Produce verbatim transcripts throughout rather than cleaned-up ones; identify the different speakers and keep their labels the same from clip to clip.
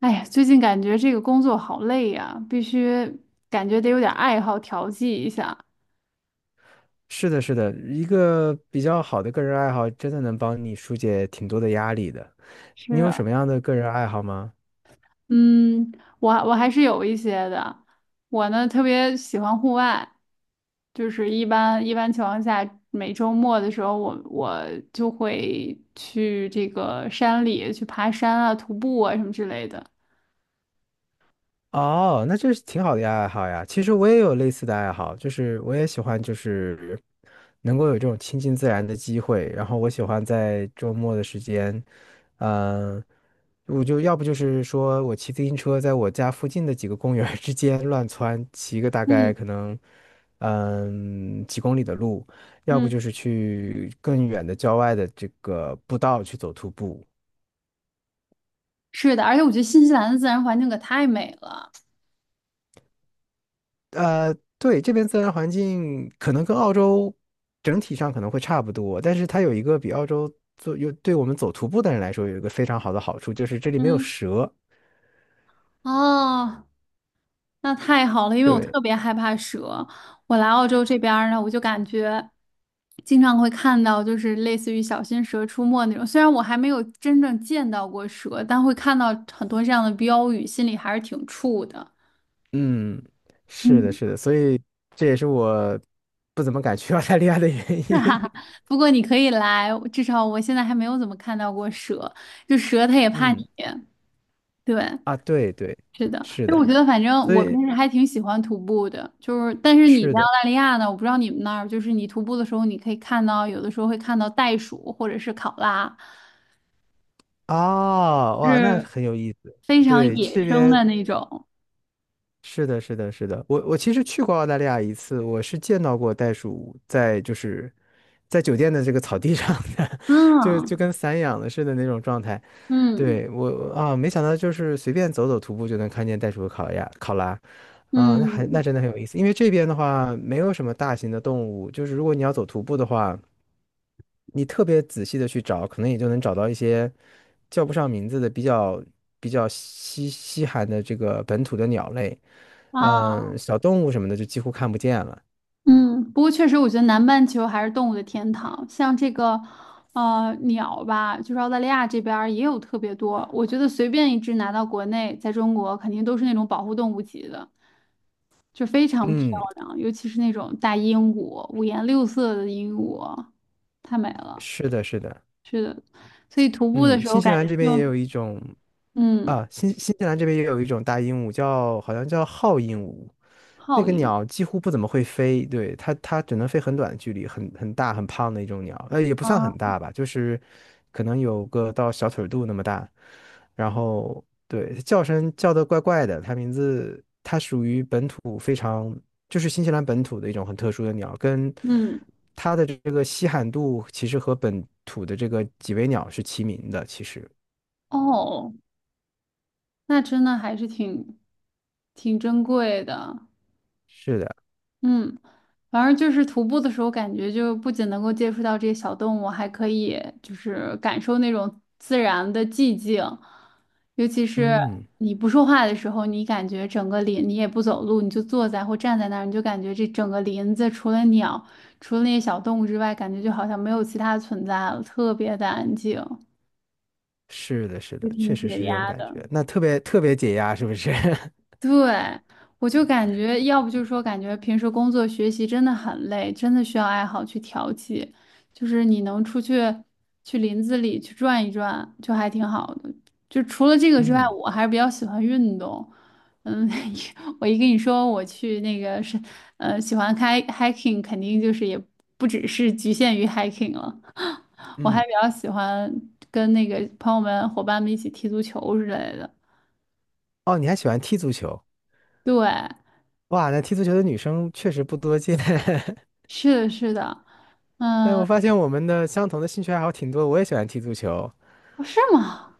Speaker 1: 哎呀，最近感觉这个工作好累呀，必须感觉得有点爱好调剂一下。
Speaker 2: 是的，是的，一个比较好的个人爱好，真的能帮你疏解挺多的压力的。你有
Speaker 1: 是。
Speaker 2: 什么样的个人爱好吗？
Speaker 1: 嗯，我我还是有一些的。我呢特别喜欢户外，就是一般一般情况下，每周末的时候我，我就会去这个山里去爬山啊、徒步啊什么之类的。
Speaker 2: 哦，那这是挺好的呀，爱好呀。其实我也有类似的爱好，就是我也喜欢，就是能够有这种亲近自然的机会。然后我喜欢在周末的时间，嗯、我就要不就是说我骑自行车在我家附近的几个公园儿之间乱窜，骑个大概
Speaker 1: 嗯
Speaker 2: 可能嗯几公里的路，要不
Speaker 1: 嗯，
Speaker 2: 就是去更远的郊外的这个步道去走徒步。
Speaker 1: 是的，而且我觉得新西兰的自然环境可太美了。
Speaker 2: 呃，对，这边自然环境可能跟澳洲整体上可能会差不多，但是它有一个比澳洲做有对我们走徒步的人来说有一个非常好的好处，就是这里没有
Speaker 1: 嗯。
Speaker 2: 蛇。
Speaker 1: 哦，那太好了，因为我
Speaker 2: 对，
Speaker 1: 特别害怕蛇。我来澳洲这边儿呢，我就感觉经常会看到，就是类似于小心蛇出没那种。虽然我还没有真正见到过蛇，但会看到很多这样的标语，心里还是挺怵的。
Speaker 2: 嗯，是的，
Speaker 1: 嗯，
Speaker 2: 是的，所以这也是我不怎么敢去 澳大利亚的原
Speaker 1: 哈
Speaker 2: 因。
Speaker 1: 哈，不过你可以来，至少我现在还没有怎么看到过蛇，就蛇它也 怕你。
Speaker 2: 嗯，
Speaker 1: 对，
Speaker 2: 啊，对对，
Speaker 1: 是的，
Speaker 2: 是
Speaker 1: 就我
Speaker 2: 的，
Speaker 1: 觉得，反正
Speaker 2: 所
Speaker 1: 我
Speaker 2: 以
Speaker 1: 平时还挺喜欢徒步的，就是但是你
Speaker 2: 是
Speaker 1: 在澳
Speaker 2: 的，
Speaker 1: 大利亚呢，我不知道你们那儿，就是你徒步的时候，你可以看到有的时候会看到袋鼠或者是考拉，
Speaker 2: 啊，哇，那
Speaker 1: 是
Speaker 2: 很有意思。
Speaker 1: 非常
Speaker 2: 对，
Speaker 1: 野
Speaker 2: 这
Speaker 1: 生
Speaker 2: 边。
Speaker 1: 的那种。
Speaker 2: 是的，是的，是的，我我其实去过澳大利亚一次，我是见到过袋鼠在就是在酒店的这个草地 上的，就就
Speaker 1: 嗯
Speaker 2: 跟散养的似的那种状态。
Speaker 1: 嗯
Speaker 2: 对，我啊，没想到就是随便走走徒步就能看见袋鼠和考亚考拉啊，那还
Speaker 1: 嗯
Speaker 2: 那真的很有意思。因为这边的话没有什么大型的动物，就是如果你要走徒步的话，你特别仔细的去找，可能也就能找到一些叫不上名字的比较比较稀稀罕的这个本土的鸟类。
Speaker 1: 啊
Speaker 2: 嗯，小动物什么的就几乎看不见了。
Speaker 1: 嗯，不过确实，我觉得南半球还是动物的天堂，像这个呃鸟吧，就是澳大利亚这边儿也有特别多，我觉得随便一只拿到国内，在中国肯定都是那种保护动物级的。就非常漂
Speaker 2: 嗯，
Speaker 1: 亮，尤其是那种大鹦鹉，五颜六色的鹦鹉，太美了。
Speaker 2: 是的，是的。
Speaker 1: 所以徒步的
Speaker 2: 嗯，
Speaker 1: 时候
Speaker 2: 新西
Speaker 1: 感
Speaker 2: 兰
Speaker 1: 觉
Speaker 2: 这边也
Speaker 1: 就，
Speaker 2: 有一种。
Speaker 1: 嗯，
Speaker 2: 啊，新新西兰这边也有一种大鹦鹉叫，好像叫号鹦鹉，那
Speaker 1: 好
Speaker 2: 个
Speaker 1: 鹰
Speaker 2: 鸟几乎不怎么会飞，对，它它只能飞很短的距离，很很大很胖的一种鸟，呃，也不算很
Speaker 1: 啊，
Speaker 2: 大吧，就是可能有个到小腿肚那么大，然后对，叫声叫的怪怪的，它名字它属于本土非常就是新西兰本土的一种很特殊的鸟，跟
Speaker 1: 嗯，
Speaker 2: 它的这个稀罕度其实和本土的这个几维鸟是齐名的，其实
Speaker 1: 哦，那真的还是挺挺珍贵的，
Speaker 2: 是的。
Speaker 1: 嗯。反正就是徒步的时候，感觉就不仅能够接触到这些小动物，还可以就是感受那种自然的寂静，尤其是
Speaker 2: 嗯，
Speaker 1: 你不说话的时候，你感觉整个林，你也不走路，你就坐在或站在那儿，你就感觉这整个林子除了鸟，除了那些小动物之外，感觉就好像没有其他存在了，特别的安静，
Speaker 2: 是的，是
Speaker 1: 就
Speaker 2: 的，
Speaker 1: 挺
Speaker 2: 确实
Speaker 1: 解
Speaker 2: 是这种
Speaker 1: 压
Speaker 2: 感
Speaker 1: 的。
Speaker 2: 觉，那特别特别解压，是不是？
Speaker 1: 对，我就感觉，要不就是说，感觉平时工作学习真的很累，真的需要爱好去调剂，就是你能出去去林子里去转一转，就还挺好的。就除了这个之外，
Speaker 2: 嗯
Speaker 1: 我还是比较喜欢运动。嗯，我一跟你说我去那个是，呃，喜欢开 hiking，肯定就是也不只是局限于 hiking 了，我还
Speaker 2: 嗯，
Speaker 1: 比较喜欢跟那个朋友们、伙伴们一起踢足球之类的。
Speaker 2: 哦，你还喜欢踢足球？
Speaker 1: 对。
Speaker 2: 哇，那踢足球的女生确实不多见。
Speaker 1: 是的，是的，
Speaker 2: 哎，我
Speaker 1: 嗯，
Speaker 2: 发现我们的相同的兴趣爱好挺多，我也喜欢踢足球。
Speaker 1: 哦是吗？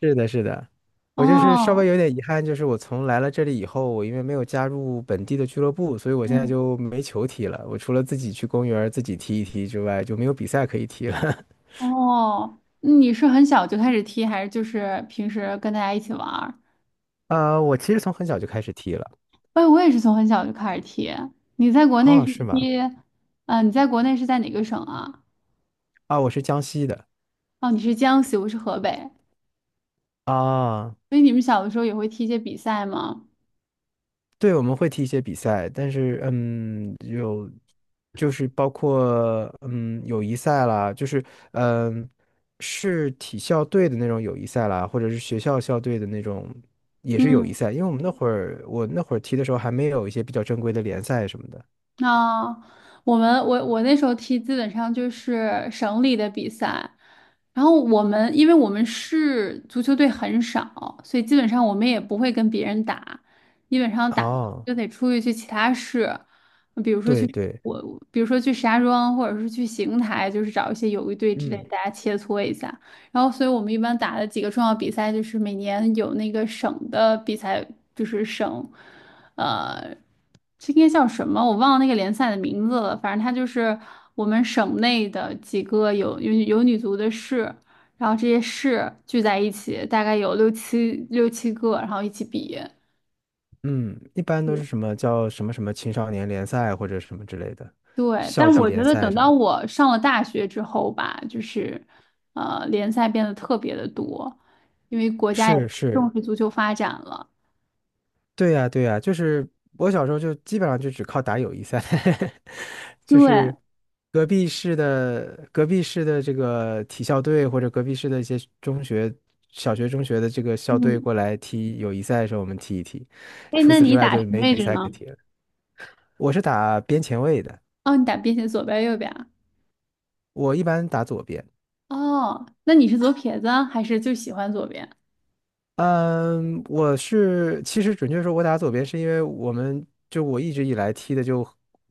Speaker 2: 是的，是的，
Speaker 1: 嗯
Speaker 2: 我就是稍微
Speaker 1: 哦，
Speaker 2: 有点遗憾，就是我从来了这里以后，我因为没有加入本地的俱乐部，所以我现在
Speaker 1: 嗯，
Speaker 2: 就没球踢了。我除了自己去公园儿自己踢一踢之外，就没有比赛可以踢了。
Speaker 1: 哦，你是很小就开始踢，还是就是平时跟大家一起玩儿？
Speaker 2: 呃，我其实从很小就开始踢了。
Speaker 1: 哎，我也是从很小就开始踢。你在国内
Speaker 2: 哦，
Speaker 1: 是
Speaker 2: 是吗？
Speaker 1: 踢，嗯、你在国内是在哪个省啊？
Speaker 2: 啊，我是江西的。
Speaker 1: 哦，你是江西，我是河北，
Speaker 2: 啊，
Speaker 1: 所以你们小的时候也会踢一些比赛吗？
Speaker 2: 对，我们会踢一些比赛，但是嗯，有就是包括嗯友谊赛啦，就是嗯是体校队的那种友谊赛啦，或者是学校校队的那种也是友谊
Speaker 1: 嗯
Speaker 2: 赛，因为我们那会儿我那会儿踢的时候还没有一些比较正规的联赛什么的。
Speaker 1: 那我们我我那时候踢基本上就是省里的比赛，然后我们因为我们市足球队很少，所以基本上我们也不会跟别人打，基本上打
Speaker 2: 哦，
Speaker 1: 就得出去去其他市，比如说
Speaker 2: 对
Speaker 1: 去
Speaker 2: 对，
Speaker 1: 我比如说去石家庄或者是去邢台，就是找一些友谊队之类，
Speaker 2: 嗯
Speaker 1: 大家切磋一下。然后，所以我们一般打的几个重要比赛就是每年有那个省的比赛，就是省。呃，这应该叫什么？我忘了那个联赛的名字了。反正它就是我们省内的几个有有有女足的市，然后这些市聚在一起，大概有六七六七个，然后一起比。
Speaker 2: 嗯，一般都是什么叫什么什么青少年联赛或者什么之类的，
Speaker 1: 对，
Speaker 2: 校
Speaker 1: 但
Speaker 2: 级
Speaker 1: 我觉
Speaker 2: 联
Speaker 1: 得
Speaker 2: 赛
Speaker 1: 等
Speaker 2: 什么
Speaker 1: 到
Speaker 2: 的。
Speaker 1: 我上了大学之后吧，就是呃，联赛变得特别的多，因为国家也
Speaker 2: 是是，
Speaker 1: 重视足球发展了。
Speaker 2: 对呀，对呀，就是我小时候就基本上就只靠打友谊赛，就
Speaker 1: 对，
Speaker 2: 是隔壁市的隔壁市的这个体校队或者隔壁市的一些中学、小学、中学的这个校队
Speaker 1: 嗯，
Speaker 2: 过来踢友谊赛的时候，我们踢一踢。
Speaker 1: 哎，
Speaker 2: 除
Speaker 1: 那
Speaker 2: 此之
Speaker 1: 你
Speaker 2: 外
Speaker 1: 打什
Speaker 2: 就
Speaker 1: 么
Speaker 2: 没
Speaker 1: 位哎
Speaker 2: 比
Speaker 1: 置
Speaker 2: 赛可
Speaker 1: 呢？
Speaker 2: 踢了。我是打边前卫的，
Speaker 1: 哦，你打边线左边右边啊？
Speaker 2: 我一般打左边。
Speaker 1: 哦，那你是左撇子啊还是就喜欢左边？
Speaker 2: 嗯，我是其实准确说，我打左边是因为我们就我一直以来踢的就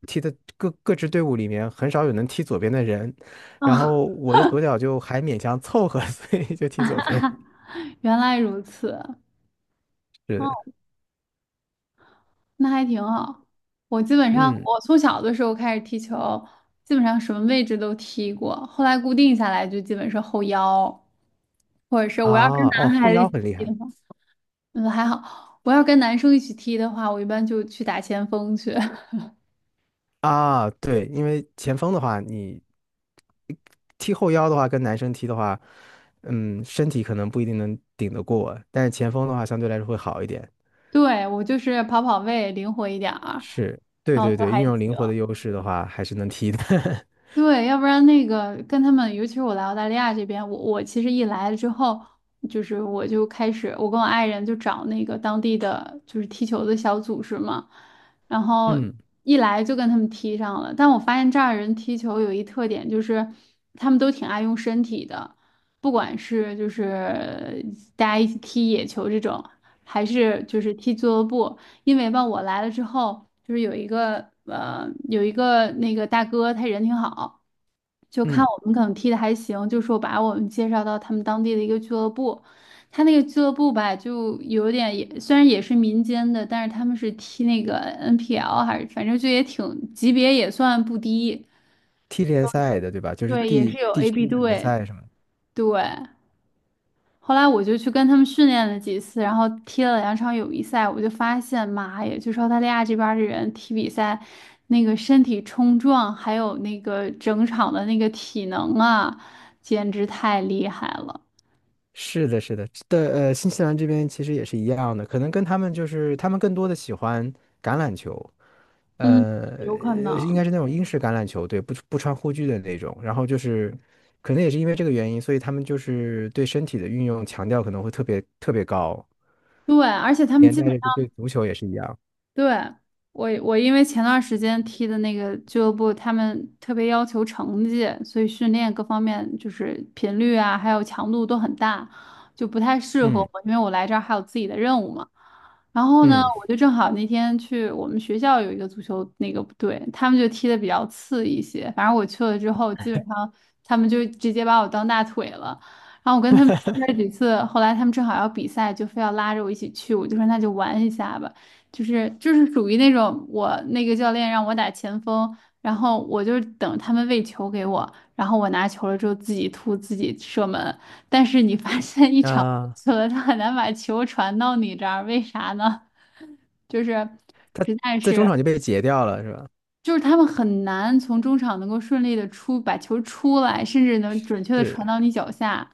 Speaker 2: 踢的各各支队伍里面很少有能踢左边的人，然
Speaker 1: 哦，
Speaker 2: 后我的左脚就还勉强凑合，所以就踢左边。
Speaker 1: 原来如此。
Speaker 2: 是
Speaker 1: 哦，
Speaker 2: 的，
Speaker 1: 那还挺好。我基本上，
Speaker 2: 嗯
Speaker 1: 我从小的时候开始踢球，基本上什么位置都踢过。后来固定下来就基本是后腰，或者是我要跟
Speaker 2: 啊哦，
Speaker 1: 男
Speaker 2: 后
Speaker 1: 孩子一
Speaker 2: 腰
Speaker 1: 起
Speaker 2: 很厉
Speaker 1: 踢
Speaker 2: 害
Speaker 1: 的话，嗯，还好。我要跟男生一起踢的话，我一般就去打前锋去。
Speaker 2: 啊，对，因为前锋的话，你踢后腰的话，跟男生踢的话，嗯，身体可能不一定能顶得过，但是前锋的话相对来说会好一点。
Speaker 1: 对，我就是跑跑位，灵活一点儿，
Speaker 2: 是，对
Speaker 1: 然后
Speaker 2: 对
Speaker 1: 都
Speaker 2: 对，运
Speaker 1: 还
Speaker 2: 用灵
Speaker 1: 行。
Speaker 2: 活的优势的话，还是能踢的。
Speaker 1: 对，要不然那个跟他们，尤其是我来澳大利亚这边，我我其实一来了之后，就是我就开始，我跟我爱人就找那个当地的就是踢球的小组织嘛，然后
Speaker 2: 嗯
Speaker 1: 一来就跟他们踢上了。但我发现这儿人踢球有一特点，就是他们都挺爱用身体的，不管是就是大家一起踢野球这种，还是就是踢俱乐部，因为吧，我来了之后，就是有一个呃，有一个那个大哥，他人挺好，就看
Speaker 2: 嗯，
Speaker 1: 我们可能踢的还行，就说把我们介绍到他们当地的一个俱乐部。他那个俱乐部吧，就有点也虽然也是民间的，但是他们是踢那个 N P L，还是反正就也挺级别也算不低，
Speaker 2: 踢联赛的对吧？就是
Speaker 1: 对，也
Speaker 2: 地
Speaker 1: 是有
Speaker 2: 地
Speaker 1: A B
Speaker 2: 区的联
Speaker 1: 队，
Speaker 2: 赛什么的
Speaker 1: 对。后来我就去跟他们训练了几次，然后踢了两场友谊赛，我就发现，妈呀，就是澳大利亚这边儿的人踢比赛，那个身体冲撞，还有那个整场的那个体能啊，简直太厉害了。
Speaker 2: 是的，是的，的呃，新西兰这边其实也是一样的，可能跟他们就是他们更多的喜欢橄榄球，
Speaker 1: 嗯，
Speaker 2: 呃，
Speaker 1: 有可
Speaker 2: 应
Speaker 1: 能。
Speaker 2: 该是那种英式橄榄球，对，不不穿护具的那种。然后就是可能也是因为这个原因，所以他们就是对身体的运用强调可能会特别特别高，
Speaker 1: 对，而且他们
Speaker 2: 连
Speaker 1: 基本。
Speaker 2: 带着就对足球也是一样。
Speaker 1: 对，我我因为前段时间踢的那个俱乐部，他们特别要求成绩，所以训练各方面就是频率啊，还有强度都很大，就不太适合
Speaker 2: 嗯
Speaker 1: 我，因为我来这儿还有自己的任务嘛。然后呢，我
Speaker 2: 嗯
Speaker 1: 就正好那天去我们学校有一个足球那个队，他们就踢的比较次一些。反正我去了之后，基本上他们就直接把我当大腿了。然后我跟他们踢了几次，后来他们正好要比赛，就非要拉着我一起去，我就说那就玩一下吧。就是就是属于那种我那个教练让我打前锋，然后我就是等他们喂球给我，然后我拿球了之后自己突自己射门。但是你发现一场过
Speaker 2: 啊。
Speaker 1: 去了，他很难把球传到你这儿，为啥呢？就是
Speaker 2: 他
Speaker 1: 实在
Speaker 2: 在中
Speaker 1: 是。
Speaker 2: 场就被截掉了，是吧？
Speaker 1: 就是他们很难从中场能够顺利的出，把球出来，甚至能准确的
Speaker 2: 是，
Speaker 1: 传到你脚下，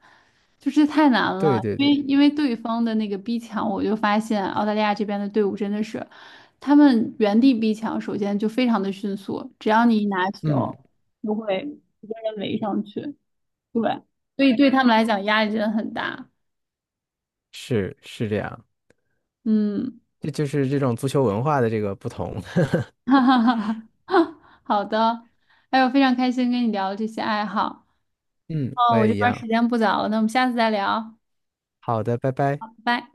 Speaker 1: 就是太难
Speaker 2: 对
Speaker 1: 了。
Speaker 2: 对
Speaker 1: 因为
Speaker 2: 对，
Speaker 1: 因为对方的那个逼抢，我就发现澳大利亚这边的队伍真的是，他们原地逼抢，首先就非常的迅速，只要你一拿
Speaker 2: 嗯，
Speaker 1: 球，就会直接人围上去。对，所以对他们来讲压力真的很大。
Speaker 2: 是是这样，
Speaker 1: 嗯，
Speaker 2: 这就是这种足球文化的这个不同。
Speaker 1: 哈哈哈哈，好的，哎呦，非常开心跟你聊这些爱好。
Speaker 2: 嗯，我
Speaker 1: 哦，我这
Speaker 2: 也一
Speaker 1: 边儿时
Speaker 2: 样。
Speaker 1: 间不早了，那我们下次再聊，
Speaker 2: 好的，拜拜。
Speaker 1: 拜拜。